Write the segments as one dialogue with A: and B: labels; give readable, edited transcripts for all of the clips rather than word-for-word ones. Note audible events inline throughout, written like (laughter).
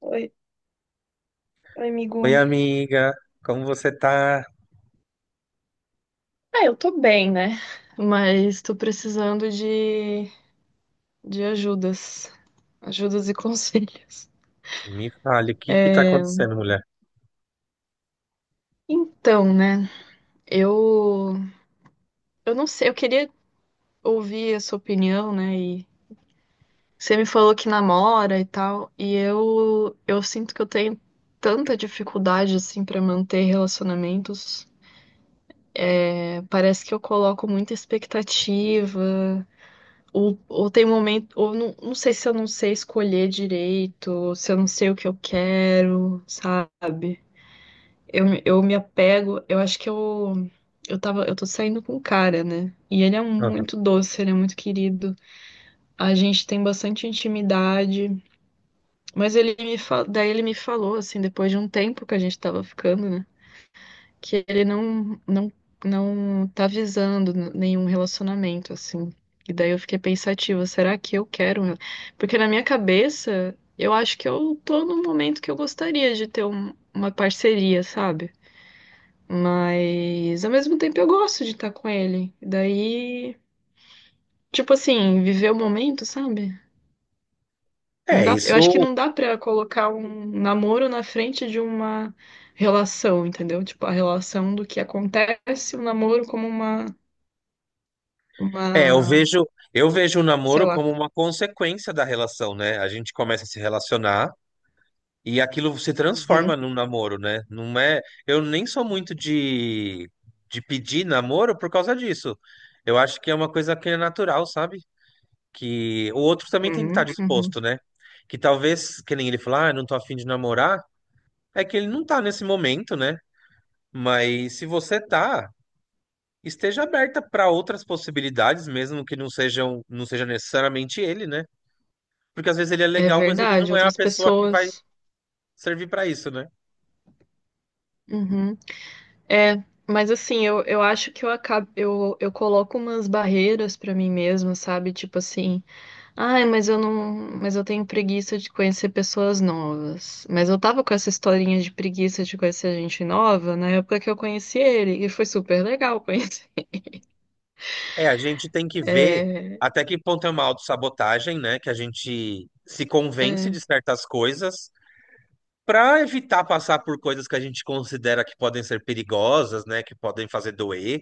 A: Oi, oi,
B: Oi,
A: amigo.
B: amiga, como você tá?
A: Ah, eu tô bem, né? Mas tô precisando de ajudas. Ajudas e (laughs) conselhos.
B: Me fale, o que que tá acontecendo, mulher?
A: Então, né? Eu, eu não sei, eu queria ouvir a sua opinião, né? E você me falou que namora e tal, eu sinto que eu tenho tanta dificuldade, assim, pra manter relacionamentos. É, parece que eu coloco muita expectativa. Ou tem momento, ou não sei se eu não sei escolher direito, ou se eu não sei o que eu quero, sabe? Eu me apego, eu tô saindo com um cara, né? E
B: Aham.
A: muito doce, ele é muito querido. A gente tem bastante intimidade, mas daí ele me falou, assim, depois de um tempo que a gente tava ficando, né? Que ele não tá visando nenhum relacionamento assim. E daí eu fiquei pensativa, será que eu quero? Porque na minha cabeça, eu acho que eu tô num momento que eu gostaria de ter uma parceria, sabe? Mas ao mesmo tempo eu gosto de estar com ele. Daí, tipo assim, viver o momento, sabe? Não
B: É,
A: dá, eu acho que
B: isso.
A: não dá pra colocar um namoro na frente de uma relação, entendeu? Tipo, a relação do que acontece, o namoro como uma
B: É,
A: uma,
B: eu vejo o
A: sei
B: namoro
A: lá.
B: como uma consequência da relação, né? A gente começa a se relacionar e aquilo se
A: Uhum,
B: transforma num namoro, né? Não é, eu nem sou muito de pedir namoro por causa disso. Eu acho que é uma coisa que é natural, sabe? Que o outro também tem que estar
A: uhum, uhum.
B: disposto, né? Que talvez, que nem ele falar, ah, não tô afim de namorar, é que ele não tá nesse momento, né? Mas se você tá, esteja aberta para outras possibilidades, mesmo que não sejam, não seja necessariamente ele, né? Porque às vezes ele é
A: É
B: legal, mas ele
A: verdade,
B: não é a
A: outras
B: pessoa que vai
A: pessoas.
B: servir para isso, né?
A: Uhum. É, mas assim, eu acho que eu acabo, eu coloco umas barreiras pra mim mesma, sabe? Tipo assim, ai, mas eu não, mas eu tenho preguiça de conhecer pessoas novas. Mas eu tava com essa historinha de preguiça de conhecer gente nova na época que eu conheci ele, e foi super legal (laughs) conhecer.
B: É, a gente tem que ver
A: É,
B: até que ponto é uma autossabotagem, né? Que a gente se convence
A: é.
B: de certas coisas para evitar passar por coisas que a gente considera que podem ser perigosas, né? Que podem fazer doer.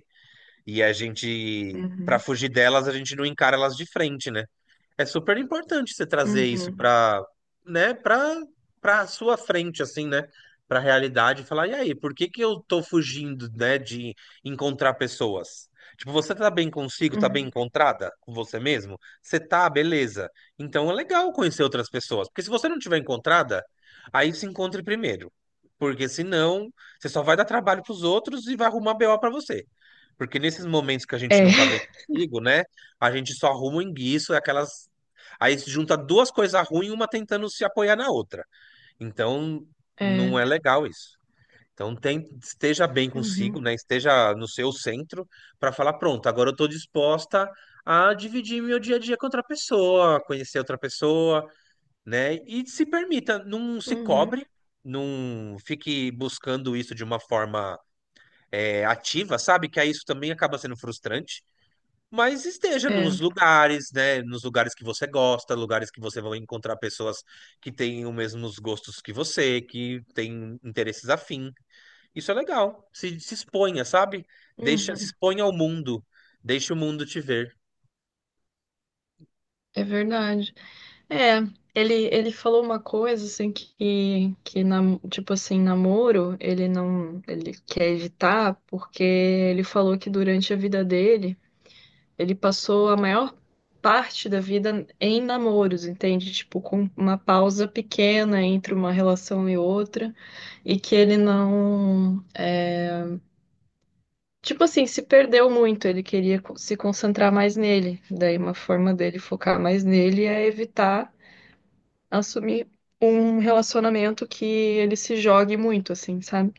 B: E a gente, para
A: Uhum,
B: fugir delas, a gente não encara elas de frente, né? É super importante você trazer isso
A: uhum,
B: para, né, para sua frente assim, né, para a realidade e falar, e aí, por que que eu tô fugindo, né, de encontrar pessoas? Tipo, você tá bem consigo, tá bem
A: uhum.
B: encontrada com você mesmo? Você tá, beleza. Então é legal conhecer outras pessoas, porque se você não tiver encontrada, aí se encontre primeiro. Porque senão, você só vai dar trabalho pros outros e vai arrumar BO pra você. Porque nesses momentos que a gente
A: É,
B: não tá bem consigo, né, a gente só arruma o enguiço, é aquelas. Aí se junta duas coisas ruins, uma tentando se apoiar na outra. Então,
A: (laughs)
B: não
A: é.
B: é legal isso. Então, esteja bem consigo,
A: Uhum,
B: né? Esteja no seu centro para falar, pronto, agora eu estou disposta a dividir meu dia a dia com outra pessoa, conhecer outra pessoa, né? E se permita, não se
A: uhum.
B: cobre, não fique buscando isso de uma forma é, ativa, sabe? Que aí isso também acaba sendo frustrante. Mas esteja
A: É,
B: nos lugares, né? Nos lugares que você gosta, lugares que você vai encontrar pessoas que têm os mesmos gostos que você, que têm interesses afim. Isso é legal. Se exponha, sabe? Deixa, se
A: uhum,
B: exponha ao mundo. Deixa o mundo te ver.
A: é verdade. É, ele falou uma coisa assim tipo assim, namoro, ele não, ele quer evitar porque ele falou que durante a vida dele, ele passou a maior parte da vida em namoros, entende? Tipo, com uma pausa pequena entre uma relação e outra, e que ele não, tipo assim, se perdeu muito, ele queria se concentrar mais nele. Daí uma forma dele focar mais nele é evitar assumir um relacionamento que ele se jogue muito, assim, sabe?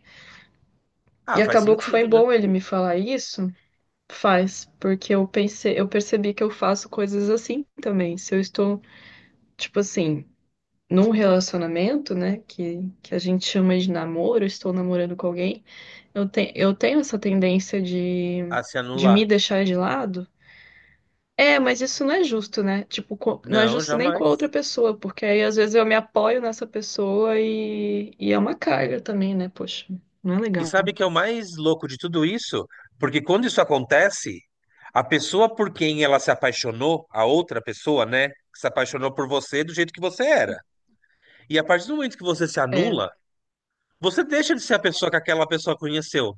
B: Ah,
A: E
B: faz
A: acabou que foi
B: sentido, né?
A: bom ele me falar isso. Faz, porque eu pensei, eu percebi que eu faço coisas assim também. Se eu estou, tipo assim, num relacionamento, né, que a gente chama de namoro, estou namorando com alguém, eu tenho essa tendência
B: A se
A: de me
B: anular.
A: deixar de lado. É, mas isso não é justo, né? Tipo, não é
B: Não,
A: justo nem com a outra
B: jamais.
A: pessoa, porque aí às vezes eu me apoio nessa pessoa e é uma carga também, né? Poxa, não é
B: E
A: legal.
B: sabe que é o mais louco de tudo isso? Porque quando isso acontece, a pessoa por quem ela se apaixonou, a outra pessoa, né? Se apaixonou por você do jeito que você era. E a partir do momento que você se
A: É.
B: anula, você deixa de ser a pessoa que aquela pessoa conheceu.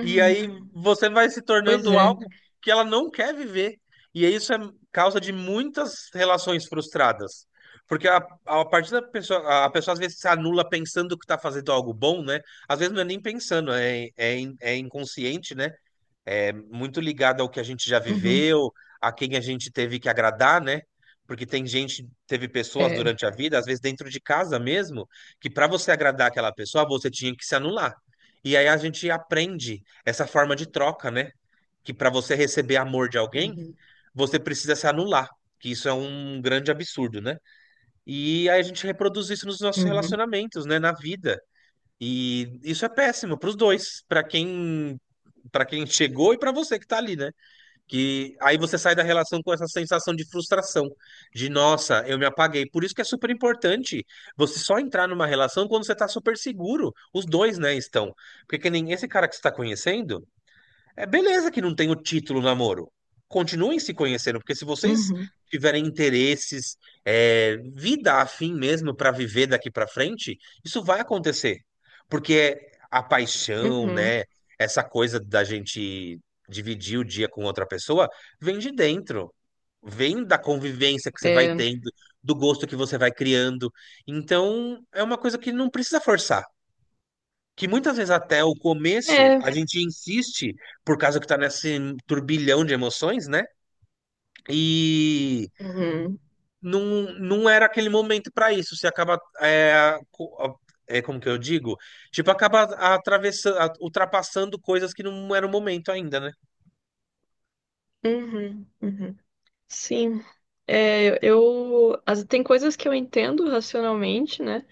B: E aí você vai se
A: Pois
B: tornando
A: é, né?
B: algo que ela não quer viver. E isso é causa de muitas relações frustradas. Porque a partir da pessoa, a pessoa às vezes se anula pensando que está fazendo algo bom, né? Às vezes não é nem pensando, é, é, é inconsciente, né? É muito ligado ao que a gente já
A: Uhum.
B: viveu, a quem a gente teve que agradar, né? Porque tem gente, teve pessoas
A: É.
B: durante a vida, às vezes dentro de casa mesmo, que para você agradar aquela pessoa, você tinha que se anular. E aí a gente aprende essa forma de troca, né? Que para você receber amor de alguém,
A: Uhum.
B: você precisa se anular, que isso é um grande absurdo, né? E aí a gente reproduz isso nos nossos
A: Uhum.
B: relacionamentos, né, na vida. E isso é péssimo para os dois, para quem chegou e para você que tá ali, né? Que aí você sai da relação com essa sensação de frustração, de nossa, eu me apaguei. Por isso que é super importante você só entrar numa relação quando você tá super seguro. Os dois, né, estão. Porque que nem esse cara que você tá conhecendo, é beleza que não tem o título namoro. Continuem se conhecendo, porque se vocês
A: Uhum.
B: tiverem interesses, é, vida afim mesmo para viver daqui para frente, isso vai acontecer. Porque é a paixão,
A: Uhum.
B: né, essa coisa da gente dividir o dia com outra pessoa, vem de dentro. Vem da convivência que você vai
A: É.
B: tendo, do gosto que você vai criando. Então, é uma coisa que não precisa forçar, que muitas vezes até o começo
A: É.
B: a gente insiste por causa que tá nesse turbilhão de emoções, né? E
A: Uhum.
B: não, não era aquele momento para isso. Você acaba é, é, como que eu digo? Tipo, acaba atravessando, ultrapassando coisas que não era o momento ainda, né?
A: Uhum. Uhum. Sim. É, tem coisas que eu entendo racionalmente, né?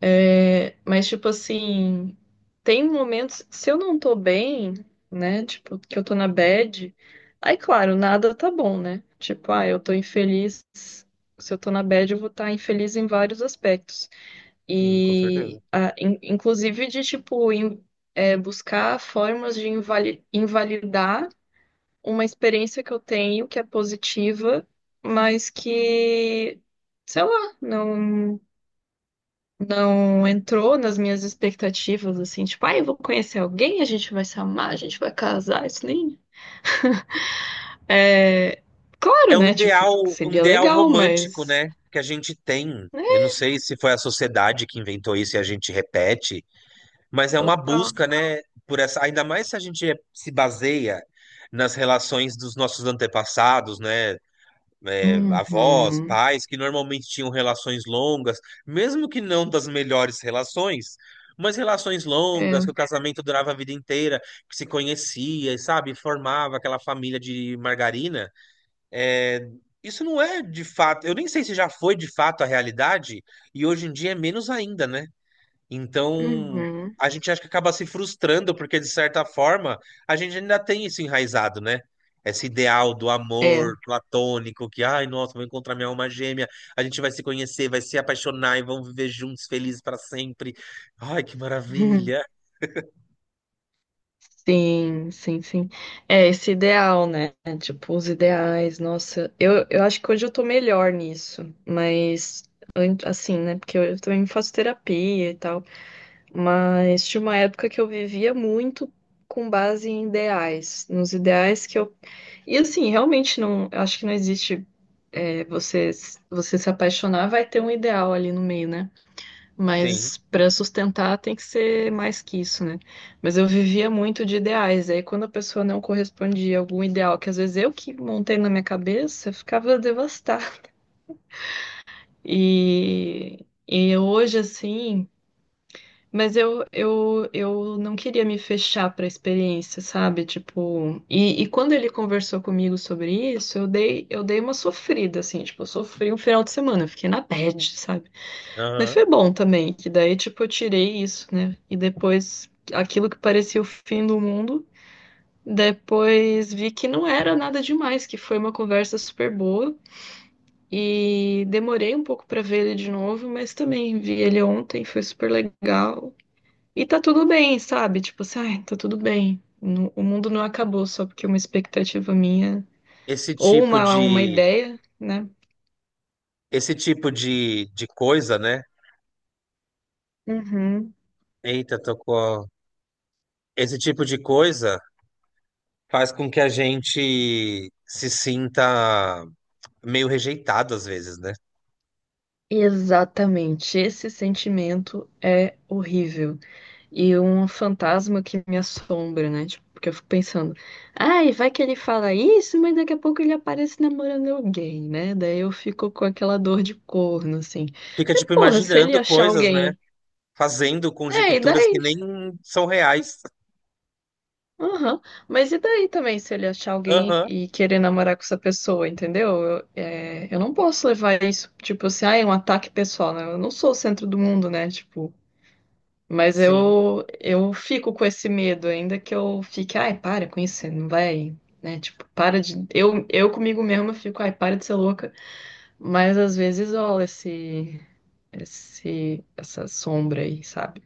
A: É, mas, tipo assim, tem momentos, se eu não tô bem, né? Tipo, que eu tô na bad, aí, claro, nada tá bom, né? Tipo, ah, eu tô infeliz. Se eu tô na bad, eu vou estar infeliz em vários aspectos.
B: Sim, com certeza.
A: E, ah, inclusive, de, tipo, é, buscar formas de invalidar uma experiência que eu tenho que é positiva, mas que, sei lá, não entrou nas minhas expectativas, assim, tipo, ah, eu vou conhecer alguém, a gente vai se amar, a gente vai casar, isso nem. É, claro,
B: É
A: né? Tipo,
B: um
A: seria
B: ideal
A: legal,
B: romântico,
A: mas.
B: né? Que a gente tem.
A: Né?
B: Eu não sei se foi a sociedade que inventou isso e a gente repete. Mas é uma
A: Total.
B: busca, né, por essa, ainda mais se a gente se baseia nas relações dos nossos antepassados, né, é, avós,
A: Uhum.
B: pais, que normalmente tinham relações longas, mesmo que não das melhores relações, mas relações longas, que o
A: É.
B: casamento durava a vida inteira, que se conhecia, e, sabe, formava aquela família de margarina. É, isso não é de fato, eu nem sei se já foi de fato a realidade, e hoje em dia é menos ainda, né? Então,
A: Uhum.
B: a gente acha que acaba se frustrando, porque de certa forma, a gente ainda tem isso enraizado, né? Esse ideal do
A: É.
B: amor
A: (laughs)
B: platônico, que, ai, nossa, vou encontrar minha alma gêmea, a gente vai se conhecer, vai se apaixonar e vão viver juntos felizes para sempre. Ai, que
A: Uhum.
B: maravilha.
A: Sim, sim, sim. É esse ideal, né? Tipo, os ideais, nossa. Eu acho que hoje eu tô melhor nisso, mas. Assim, né? Porque eu também faço terapia e tal. Mas tinha uma época que eu vivia muito com base em ideais, nos ideais que eu. E assim, realmente não, eu acho que não existe é, você, você se apaixonar, vai ter um ideal ali no meio, né?
B: Sim.
A: Mas para sustentar tem que ser mais que isso, né? Mas eu vivia muito de ideais, aí quando a pessoa não correspondia a algum ideal, que às vezes eu que montei na minha cabeça, eu ficava devastada. E hoje, assim. Mas eu não queria me fechar para a experiência, sabe? Tipo, e quando ele conversou comigo sobre isso, eu dei uma sofrida, assim, tipo, eu sofri um final de semana, eu fiquei na bad, sabe? Mas
B: Aham.
A: foi bom também, que daí, tipo, eu tirei isso, né? E depois, aquilo que parecia o fim do mundo, depois vi que não era nada demais, que foi uma conversa super boa. E demorei um pouco para ver ele de novo, mas também vi ele ontem, foi super legal. E tá tudo bem, sabe? Tipo assim, ai, tá tudo bem. O mundo não acabou só porque uma expectativa minha
B: Esse
A: ou
B: tipo
A: uma
B: de
A: ideia, né?
B: esse tipo de coisa, né?
A: Uhum.
B: Eita, tocou. Esse tipo de coisa faz com que a gente se sinta meio rejeitado às vezes, né?
A: Exatamente. Esse sentimento é horrível. E um fantasma que me assombra, né? Tipo, porque eu fico pensando, ai, vai que ele fala isso, mas daqui a pouco ele aparece namorando alguém, né? Daí eu fico com aquela dor de corno, assim.
B: Fica,
A: Mas,
B: tipo,
A: porra, se ele
B: imaginando
A: achar
B: coisas, né?
A: alguém.
B: Fazendo
A: É, e
B: conjecturas que
A: daí?
B: nem são reais.
A: Aham. Mas e daí também, se ele achar alguém
B: Aham,
A: e querer namorar com essa pessoa, entendeu? Eu não posso levar isso, tipo assim, ah, é um ataque pessoal, né? Eu não sou o centro do mundo, né? Tipo, mas
B: sim.
A: eu fico com esse medo, ainda que eu fique, ai, para com isso, você não vai, né? Tipo, para de. Eu comigo mesma fico, ai, para de ser louca. Mas às vezes rola essa sombra aí, sabe?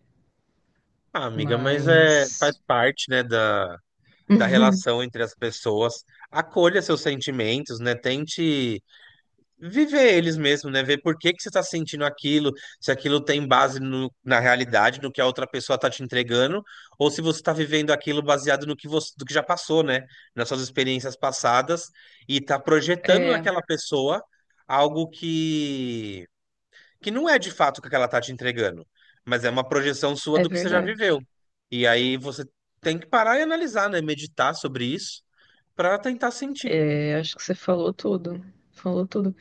B: Ah, amiga, mas é, faz
A: Mas.
B: parte, né, da, da
A: (laughs)
B: relação entre as pessoas. Acolha seus sentimentos, né? Tente viver eles mesmo, né? Ver por que que você está sentindo aquilo, se aquilo tem base na realidade, no que a outra pessoa está te entregando, ou se você está vivendo aquilo baseado no que você, do que já passou, né? Nas suas experiências passadas e está projetando
A: É,
B: naquela pessoa algo que não é de fato o que ela está te entregando, mas é uma projeção sua
A: é
B: do que você já
A: verdade.
B: viveu. E aí você tem que parar e analisar, né? Meditar sobre isso para tentar sentir.
A: É, acho que você falou tudo. Falou tudo.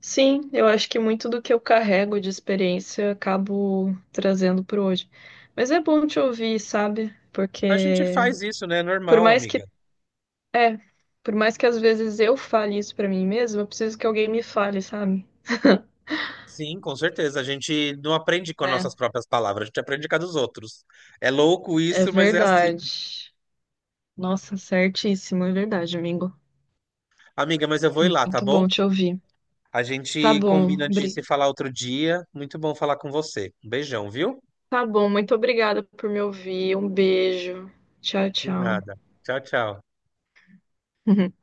A: Sim, eu acho que muito do que eu carrego de experiência eu acabo trazendo para hoje. Mas é bom te ouvir, sabe?
B: A gente
A: Porque
B: faz isso, né? É
A: por
B: normal,
A: mais
B: amiga.
A: que é, por mais que às vezes eu fale isso para mim mesma, eu preciso que alguém me fale, sabe?
B: Sim, com certeza. A gente não aprende com as
A: Né?
B: nossas próprias palavras, a gente aprende com a dos outros. É louco
A: É
B: isso, mas é assim.
A: verdade. Nossa, certíssimo, é verdade, amigo.
B: Amiga, mas eu vou ir lá, tá
A: Muito bom
B: bom?
A: te ouvir.
B: A
A: Tá
B: gente
A: bom,
B: combina de
A: Bri.
B: se falar outro dia. Muito bom falar com você. Um beijão, viu?
A: Tá bom, muito obrigada por me ouvir. Um beijo. Tchau,
B: De
A: tchau.
B: nada. Tchau, tchau.
A: (laughs)